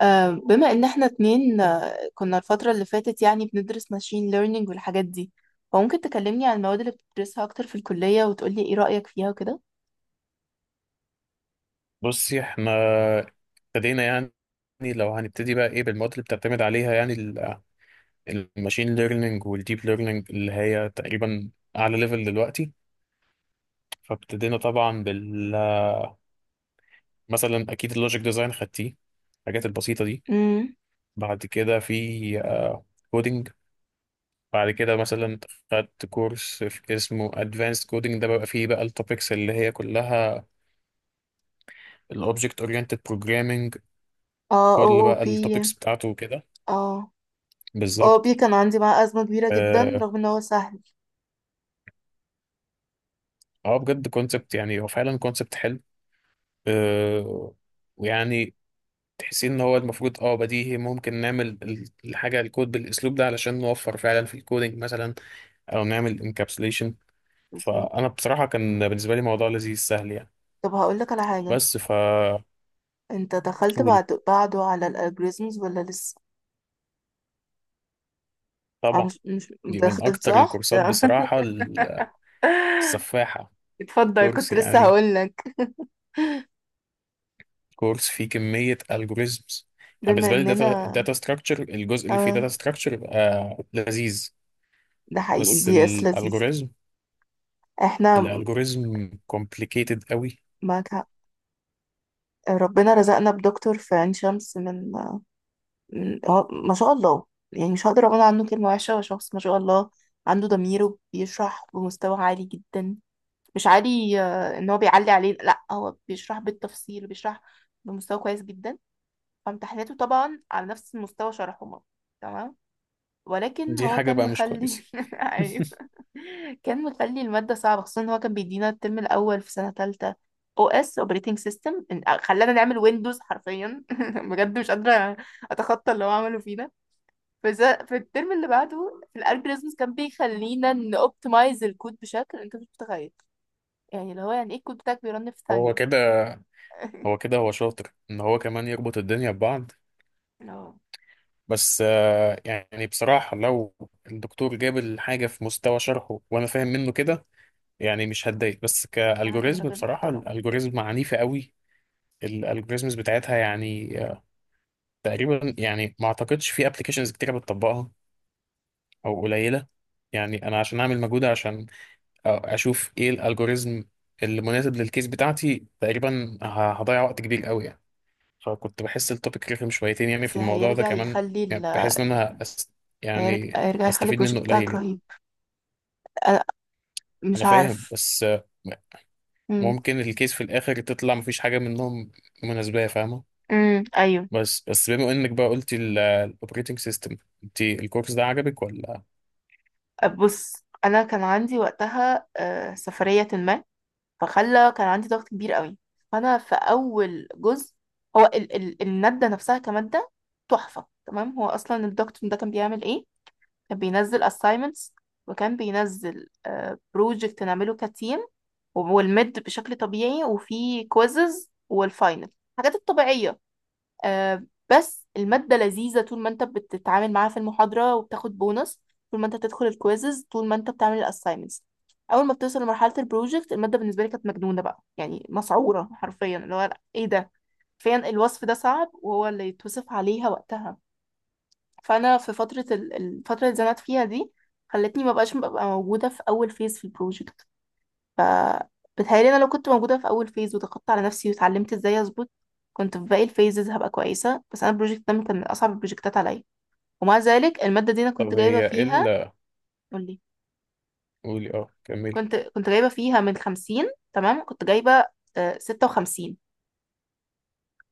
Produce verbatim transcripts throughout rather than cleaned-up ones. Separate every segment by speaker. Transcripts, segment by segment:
Speaker 1: آه، بما ان احنا اتنين آه، كنا الفترة اللي فاتت، يعني بندرس ماشين ليرنينج والحاجات دي. فممكن تكلمني عن المواد اللي بتدرسها اكتر في الكلية وتقولي ايه رأيك فيها وكده؟
Speaker 2: بصي احنا ابتدينا يعني لو هنبتدي بقى ايه بالمواد اللي بتعتمد عليها يعني ال- الماشين ليرنينج والديب ليرنينج اللي هي تقريبا اعلى ليفل دلوقتي فابتدينا طبعا بال مثلا اكيد اللوجيك ديزاين خدتيه الحاجات البسيطة دي.
Speaker 1: امم.
Speaker 2: بعد كده في كودينج. بعد كده مثلا خدت كورس في اسمه ادفانسد كودينج، ده بقى فيه بقى التوبكس اللي هي كلها الاوبجكت اورينتد بروجرامينج.
Speaker 1: اه، او
Speaker 2: كل
Speaker 1: او
Speaker 2: بقى
Speaker 1: بي.
Speaker 2: التوبكس بتاعته وكده.
Speaker 1: اه، او
Speaker 2: بالظبط.
Speaker 1: بي كان عندي معاه أزمة كبيرة جدا، رغم ان هو سهل.
Speaker 2: اه بجد كونسبت، يعني هو فعلا كونسبت حلو. آه ويعني تحسين ان هو المفروض اه بديهي ممكن نعمل ال- الحاجه الكود بالاسلوب ده علشان نوفر فعلا في الكودينج مثلا او نعمل انكابسوليشن.
Speaker 1: بالظبط.
Speaker 2: فانا بصراحه كان بالنسبه لي موضوع لذيذ سهل يعني.
Speaker 1: طب هقولك على حاجة.
Speaker 2: بس ف
Speaker 1: انت دخلت
Speaker 2: قولي.
Speaker 1: بعد بعده على الالجوريزمز، ولا لسه؟ آه،
Speaker 2: طبعا.
Speaker 1: مش مش
Speaker 2: دي من
Speaker 1: دخلت
Speaker 2: اكتر
Speaker 1: صح.
Speaker 2: الكورسات بصراحه السفاحه.
Speaker 1: اتفضل.
Speaker 2: كورس
Speaker 1: كنت لسه
Speaker 2: يعني
Speaker 1: هقولك.
Speaker 2: كورس فيه كميه الجوريزمز. يعني
Speaker 1: بما
Speaker 2: بالنسبه لي
Speaker 1: اننا
Speaker 2: الداتا ستراكشر الجزء اللي فيه
Speaker 1: اه
Speaker 2: داتا ستراكشر يبقى لذيذ،
Speaker 1: ده حقيقي.
Speaker 2: بس
Speaker 1: دي اس لذيذة.
Speaker 2: الالجوريزم
Speaker 1: احنا
Speaker 2: الالجوريزم كومبليكيتد قوي.
Speaker 1: معاك حق. ربنا رزقنا بدكتور في عين شمس، من, من هو، ما شاء الله. يعني مش هقدر اقول عنه كلمة وحشة. هو شخص ما شاء الله، عنده ضميره، بيشرح بمستوى عالي جدا. مش عالي آه، ان هو بيعلي عليه، لا، هو بيشرح بالتفصيل، بيشرح بمستوى كويس جدا. فامتحاناته طبعا على نفس مستوى شرحه. تمام. ولكن
Speaker 2: دي
Speaker 1: هو
Speaker 2: حاجة
Speaker 1: كان
Speaker 2: بقى مش
Speaker 1: مخلي.
Speaker 2: كويسة.
Speaker 1: ايوه. كان مخلي المادة صعبة، خصوصا ان هو كان بيدينا الترم الاول في سنة تالتة. او اس، اوبريتنج سيستم. خلانا نعمل ويندوز حرفيا. بجد مش قادرة اتخطى اللي هو عمله فينا. في ز- في الترم اللي بعده، في الالجوريزمز، كان بيخلينا نوبتمايز الكود بشكل انت مش متخيل. يعني اللي هو، يعني ايه، الكود بتاعك بيرن في
Speaker 2: هو
Speaker 1: ثانية.
Speaker 2: كده هو كده هو شاطر ان هو كمان يربط الدنيا ببعض،
Speaker 1: اه،
Speaker 2: بس آه، يعني بصراحة لو الدكتور جاب الحاجة في مستوى شرحه وانا فاهم منه كده، يعني مش هتضايق، بس
Speaker 1: بصراحة كان
Speaker 2: كالجوريزم
Speaker 1: راجل
Speaker 2: بصراحة
Speaker 1: محترم.
Speaker 2: الالجوريزم عنيفة قوي. الالجوريزمز بتاعتها يعني آه، تقريبا يعني ما اعتقدش في ابلكيشنز كتيرة بتطبقها، او قليلة. يعني انا عشان اعمل مجهود عشان آه، اشوف ايه الالجوريزم اللي مناسب للكيس بتاعتي تقريبا ه- هضيع وقت كبير قوي يعني. فكنت بحس التوبيك رخم شويتين يعني
Speaker 1: بس
Speaker 2: في الموضوع ده
Speaker 1: هيرجع
Speaker 2: كمان.
Speaker 1: يخلي ال...
Speaker 2: يعني بحس ان انا أس...
Speaker 1: هيرجع,
Speaker 2: يعني
Speaker 1: هيرجع يخلي
Speaker 2: استفيد منه
Speaker 1: البروجكت
Speaker 2: قليل
Speaker 1: بتاعك
Speaker 2: يعني.
Speaker 1: رهيب. أنا
Speaker 2: انا
Speaker 1: مش
Speaker 2: فاهم،
Speaker 1: عارف.
Speaker 2: بس آه،
Speaker 1: مم.
Speaker 2: ممكن الكيس في الاخر تطلع مفيش حاجه منهم مناسبه، فاهمه؟
Speaker 1: امم. ايوه.
Speaker 2: بس بس بما انك بقى قلتي الاوبريتنج سيستم، انت الكورس ده عجبك ولا؟
Speaker 1: بص، انا كان عندي وقتها آه، سفريه ما، فخلى كان عندي ضغط كبير قوي. فانا في اول جزء. هو ال ال الماده نفسها كماده تحفه. تمام. هو اصلا الدكتور ده كان بيعمل ايه؟ كان بينزل assignments، وكان بينزل بروجكت نعمله كتيم، والميد بشكل طبيعي، وفي كويزز والفاينل، الحاجات الطبيعيه. آه، بس المادة لذيذة طول ما انت بتتعامل معاها في المحاضرة وبتاخد بونص، طول ما انت بتدخل الكويزز، طول ما انت بتعمل الاساينمنتس. اول ما بتوصل لمرحلة البروجكت، المادة بالنسبة لي كانت مجنونة بقى، يعني مسعورة حرفيا، اللي هو لأ، ايه ده، فين الوصف ده صعب وهو اللي يتوصف عليها وقتها. فانا في فترة ال- الفترة اللي اتزنقت فيها دي، خلتني ما بقاش ببقى موجودة في اول فيز في البروجكت. فبتهيألي انا لو كنت موجودة في اول فيز وضغطت على نفسي واتعلمت ازاي اظبط، كنت في باقي الفيزز هبقى كويسة. بس انا البروجكت ده كان من اصعب البروجكتات عليا. ومع ذلك المادة دي انا
Speaker 2: طب
Speaker 1: كنت جايبة
Speaker 2: هي ايه
Speaker 1: فيها.
Speaker 2: ال-
Speaker 1: قولي.
Speaker 2: قولي اه كملي.
Speaker 1: كنت كنت جايبة فيها من خمسين، تمام، كنت جايبة آه، ستة وخمسين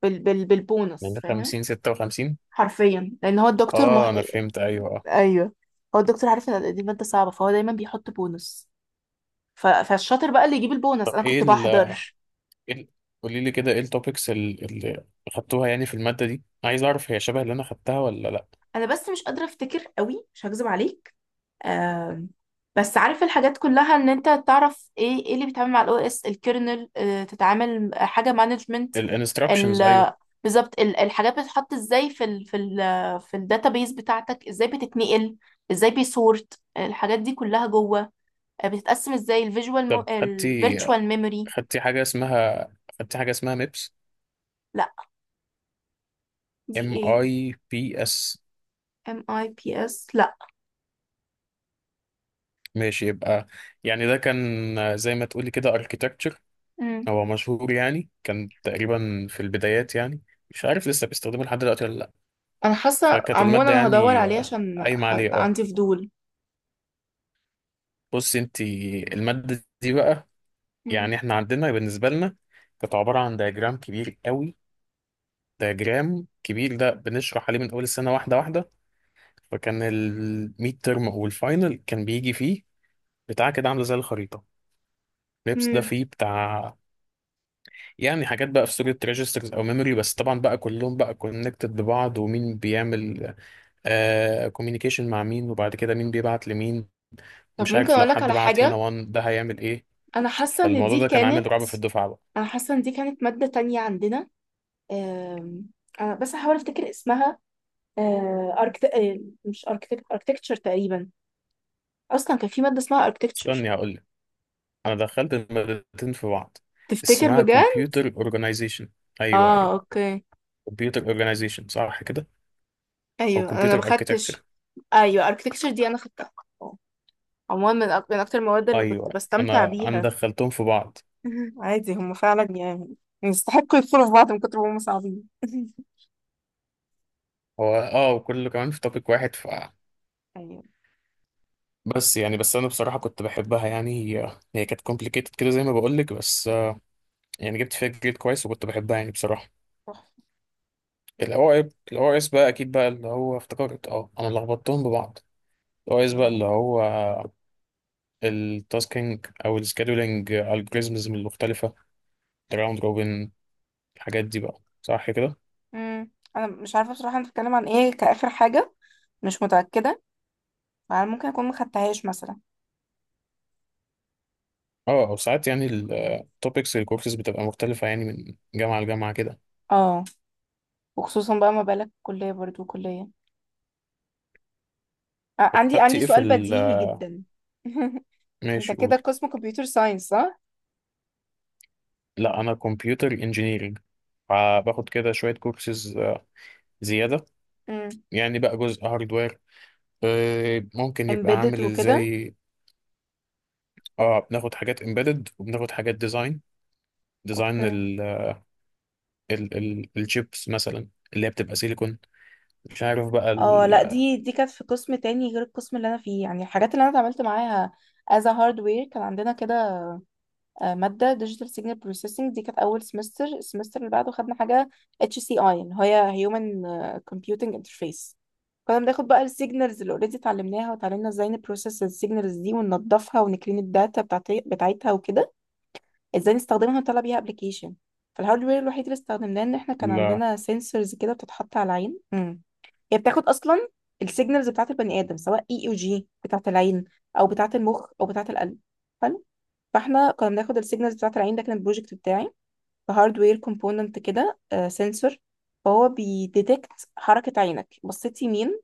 Speaker 1: بال بال بالبونص،
Speaker 2: من
Speaker 1: فاهم؟
Speaker 2: خمسين ستة وخمسين.
Speaker 1: حرفيا، لان هو الدكتور مح...
Speaker 2: اه انا فهمت، ايوه اه.
Speaker 1: ايوه. هو الدكتور عارف ان دي مادة صعبة، فهو دايما بيحط بونص. ف... فالشاطر بقى اللي يجيب البونص.
Speaker 2: طب
Speaker 1: انا
Speaker 2: ايه
Speaker 1: كنت بحضر.
Speaker 2: إيه- قولي لي كده ايه التوبكس اللي خدتوها يعني في المادة دي؟ عايز اعرف هي شبه اللي انا خدتها ولا لا.
Speaker 1: انا بس مش قادرة افتكر قوي، مش هكذب عليك. آم، بس عارف الحاجات كلها، ان انت تعرف ايه ايه اللي بيتعامل مع الاو اس الكيرنل، آه، تتعامل حاجه مانجمنت.
Speaker 2: الانستراكشنز، ايوه.
Speaker 1: بالظبط. ال- الحاجات بتتحط ازاي في ال في ال في الداتابيز بتاعتك، ازاي بتتنقل، ازاي بيسورت الحاجات دي كلها جوه. آه، بتتقسم ازاي الفيجوال
Speaker 2: خدتي
Speaker 1: الفيرتشوال ميموري.
Speaker 2: خدتي حاجة اسمها خدتي حاجة اسمها ميبس.
Speaker 1: لا. دي
Speaker 2: ام
Speaker 1: ايه؟
Speaker 2: اي بي اس.
Speaker 1: ام اي بي اس. لا.
Speaker 2: ماشي يبقى. يعني ده كان زي ما تقولي كده اركيتكتشر.
Speaker 1: امم.
Speaker 2: هو مشهور يعني كان تقريبا في البدايات يعني، مش عارف لسه بيستخدمه لحد دلوقتي ولا لا.
Speaker 1: انا حاسه
Speaker 2: فكانت
Speaker 1: عموما
Speaker 2: المادة
Speaker 1: انا هدور
Speaker 2: يعني
Speaker 1: عليه
Speaker 2: آه،
Speaker 1: عشان
Speaker 2: قايمة
Speaker 1: ح-
Speaker 2: عليه اه.
Speaker 1: عندي فضول.
Speaker 2: بص انت المادة دي بقى، يعني احنا عندنا بالنسبة لنا كانت عبارة عن دياجرام كبير قوي. دياجرام كبير ده بنشرح عليه من أول السنة واحدة واحدة. فكان الميد ترم أو الفاينل كان بيجي فيه بتاع كده عاملة زي الخريطة. لبس ده
Speaker 1: امم.
Speaker 2: فيه بتاع يعني حاجات بقى في صورة ريجسترز أو ميموري، بس طبعا بقى كلهم بقى كونكتد ببعض، ومين بيعمل آه كوميونيكيشن مع مين، وبعد كده مين بيبعت لمين.
Speaker 1: طب
Speaker 2: مش
Speaker 1: ممكن
Speaker 2: عارف لو
Speaker 1: اقولك
Speaker 2: حد
Speaker 1: على
Speaker 2: بعت هنا
Speaker 1: حاجه.
Speaker 2: وان ده هيعمل ايه.
Speaker 1: انا حاسه ان
Speaker 2: فالموضوع
Speaker 1: دي
Speaker 2: ده كان
Speaker 1: كانت
Speaker 2: عامل رعب في الدفعة بقى.
Speaker 1: انا حاسه ان دي كانت ماده تانية عندنا. أم، أنا بس هحاول افتكر اسمها. أه، أركت... أه، مش أركتك... اركتكتشر تقريبا. اصلا كان في ماده اسمها اركتكتشر.
Speaker 2: استني هقول. انا دخلت المادتين في بعض.
Speaker 1: تفتكر
Speaker 2: اسمها
Speaker 1: بجد؟
Speaker 2: كمبيوتر اورجانيزيشن. ايوه
Speaker 1: اه.
Speaker 2: ايوه
Speaker 1: اوكي.
Speaker 2: كمبيوتر اورجانيزيشن صح كده؟ او
Speaker 1: ايوه، انا
Speaker 2: كمبيوتر
Speaker 1: ما خدتش.
Speaker 2: اركيتكتشر.
Speaker 1: ايوه، اركتكتشر دي انا خدتها. آه. عموما من أك- من اكتر المواد
Speaker 2: ايوه.
Speaker 1: اللي
Speaker 2: أيوة.
Speaker 1: كنت بستمتع
Speaker 2: انا انا
Speaker 1: بيها.
Speaker 2: دخلتهم في بعض.
Speaker 1: عادي، هم فعلا يعني يستحقوا يدخلوا في بعض من كتر ما هم صعبين.
Speaker 2: هو اه وكله كمان في توبيك واحد ف
Speaker 1: ايوه.
Speaker 2: بس يعني بس انا بصراحه كنت بحبها يعني. هي هي كانت كومبليكيتد كده زي ما بقول لك، بس آه، يعني جبت فيها جريد كويس وكنت بحبها يعني بصراحه. الاو اي الاو اس بقى اكيد بقى اللي هو افتكرت، اه انا لخبطتهم ببعض. الاو اس بقى اللي
Speaker 1: تحفة.
Speaker 2: هو التاسكينج او السكادولينج الجوريزمز المختلفه، الراوند روبن، الحاجات دي بقى صح كده.
Speaker 1: امم، انا مش عارفه بصراحه انت بتتكلم عن ايه كاخر حاجه، مش متاكده، فانا ممكن اكون مخدتهاش مثلا.
Speaker 2: اه او ساعات يعني التوبكس الكورسز بتبقى مختلفة يعني من جامعة لجامعة كده.
Speaker 1: اه، وخصوصا بقى ما بالك، كليه برضو كليه. آه
Speaker 2: طب
Speaker 1: عندي
Speaker 2: خدتي
Speaker 1: عندي
Speaker 2: ايه في
Speaker 1: سؤال
Speaker 2: ال؟
Speaker 1: بديهي جدا. انت
Speaker 2: ماشي
Speaker 1: كده
Speaker 2: قول.
Speaker 1: قسم كمبيوتر ساينس، صح؟
Speaker 2: لا انا كمبيوتر انجينيرنج، فباخد كده شوية كورسز آه، زيادة.
Speaker 1: امم،
Speaker 2: يعني بقى جزء هاردوير آه، ممكن يبقى
Speaker 1: امبيدد
Speaker 2: عامل
Speaker 1: وكده.
Speaker 2: ازاي. اه بناخد حاجات امبيدد وبناخد حاجات ديزاين. ديزاين
Speaker 1: اوكي.
Speaker 2: ال ال ال الشيبس مثلا اللي هي بتبقى سيليكون، مش عارف بقى
Speaker 1: اه،
Speaker 2: ال
Speaker 1: لا، دي دي كانت في قسم تاني غير القسم اللي انا فيه، يعني الحاجات اللي انا اتعاملت معاها as a hardware كان عندنا كده. آه، ماده ديجيتال سيجنال بروسيسنج دي كانت اول سمستر. السمستر اللي بعده خدنا حاجه اتش سي اي، اللي هي هيومن كومبيوتنج انترفيس. كنا بناخد بقى السيجنالز اللي اوريدي اتعلمناها، وتعلمنا ازاي نبروسس السيجنالز دي وننضفها ونكرين الداتا بتاعتي... بتاعتها، وكده ازاي نستخدمها ونطلع بيها ابلكيشن. فالهاردوير الوحيد اللي استخدمناه، ان احنا كان
Speaker 2: ال-.
Speaker 1: عندنا سنسورز كده بتتحط على العين. امم. هي بتاخد اصلا السيجنالز بتاعت البني ادم، سواء اي او جي بتاعت العين، او بتاعت المخ، او بتاعت القلب. حلو. فاحنا كنا بناخد السيجنالز بتاعت العين. ده كان البروجكت بتاعي. فهاردوير كومبوننت كده، سنسور. فهو بيديتكت حركة عينك، بصيت يمين،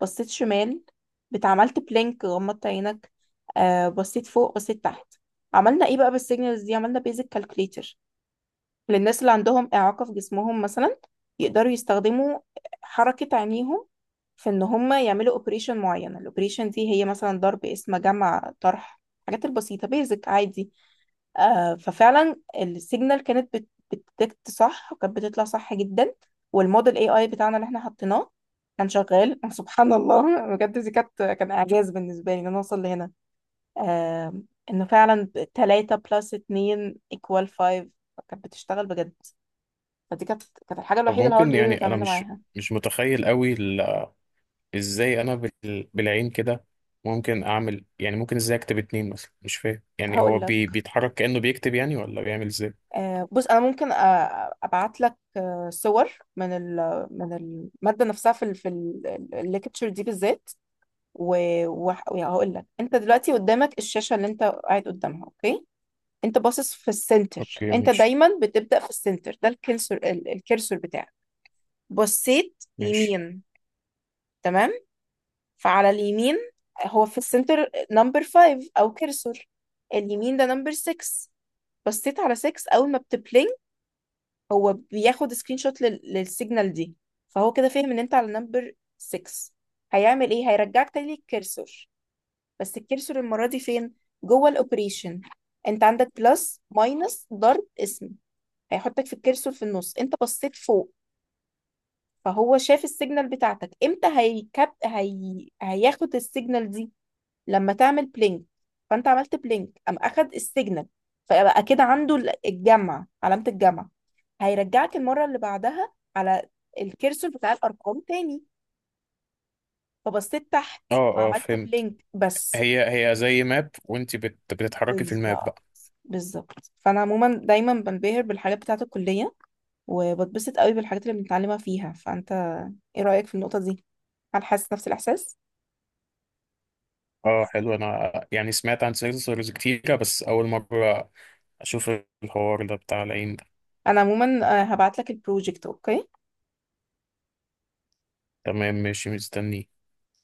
Speaker 1: بصيت شمال، بتعملت بلينك، غمضت عينك، آه بصيت فوق، بصيت تحت. عملنا ايه بقى بالسيجنالز دي؟ عملنا بيزك كالكوليتر للناس اللي عندهم إعاقة في جسمهم مثلا، يقدروا يستخدموا حركة عينيهم في ان هم يعملوا اوبريشن معين. الاوبريشن دي هي مثلا ضرب، اسم، جمع، طرح، الحاجات البسيطة، بيزك عادي. آه ففعلا السيجنال كانت بت- بتديتكت صح، وكانت بتطلع صح جدا، والموديل اي اي بتاعنا اللي احنا حطيناه كان شغال. سبحان الله، بجد دي كانت كان اعجاز بالنسبه لي ان انا اوصل لهنا. آه انه فعلا ثلاثة بلس اثنين ايكوال خمسة، كانت بتشتغل بجد. فدي كانت كانت الحاجه
Speaker 2: طب
Speaker 1: الوحيده
Speaker 2: ممكن،
Speaker 1: الهاردوير اللي
Speaker 2: يعني انا
Speaker 1: اتعاملنا
Speaker 2: مش
Speaker 1: معاها.
Speaker 2: مش متخيل قوي ازاي انا بال... بالعين كده ممكن اعمل، يعني ممكن ازاي اكتب اتنين مثلا، مش فاهم يعني هو
Speaker 1: هقول لك.
Speaker 2: بي... بيتحرك كأنه بيكتب يعني ولا بيعمل ازاي.
Speaker 1: آه بص، انا ممكن ابعت لك صور من ال- من الماده نفسها في ال- في الليكتشر دي بالذات. وهقول لك. انت دلوقتي قدامك الشاشه اللي انت قاعد قدامها، اوكي. انت باصص في السنتر.
Speaker 2: اوكي
Speaker 1: انت
Speaker 2: ماشي.
Speaker 1: دايما بتبدا في السنتر. ده الكرسور. ال- الكرسور بتاعك، بصيت
Speaker 2: ماشي.
Speaker 1: يمين. تمام. فعلى اليمين، هو في السنتر نمبر خمسة او كرسور، اليمين ده نمبر ستة. بصيت على ستة اول ما بتبلينج، هو بياخد سكرين شوت لل- للسيجنال دي. فهو كده فاهم ان انت على نمبر ستة. هيعمل ايه؟ هيرجعك تاني للكرسور. بس الكرسور المرة دي فين؟ جوه الاوبريشن. انت عندك بلس، ماينس، ضرب، اسم. هيحطك في الكرسور في النص. انت بصيت فوق، فهو شاف السيجنال بتاعتك. امتى هيكب هي... هياخد السيجنال دي؟ لما تعمل بلينك. فانت عملت بلينك، قام اخد السيجنال. فبقى كده عنده ال- الجمع، علامة الجمع. هيرجعك المرة اللي بعدها على الكرسور بتاع الارقام تاني. فبصيت تحت،
Speaker 2: اه اه
Speaker 1: عملت
Speaker 2: فهمت.
Speaker 1: بلينك بس.
Speaker 2: هي هي زي ماب وانت بت... بتتحركي في الماب
Speaker 1: بالظبط.
Speaker 2: بقى.
Speaker 1: بالظبط. فانا عموما دايما بنبهر بالحاجات بتاعه الكليه، وبتبسط قوي بالحاجات اللي بنتعلمها فيها. فانت ايه رايك في النقطه دي؟ هل حاسس نفس الاحساس؟
Speaker 2: اه حلو. انا يعني سمعت عن سيرفرز كتيرة، بس اول مرة اشوف الحوار ده بتاع العين ده.
Speaker 1: انا عموما آه، هبعت لك البروجكت. اوكي.
Speaker 2: تمام ماشي، مستني.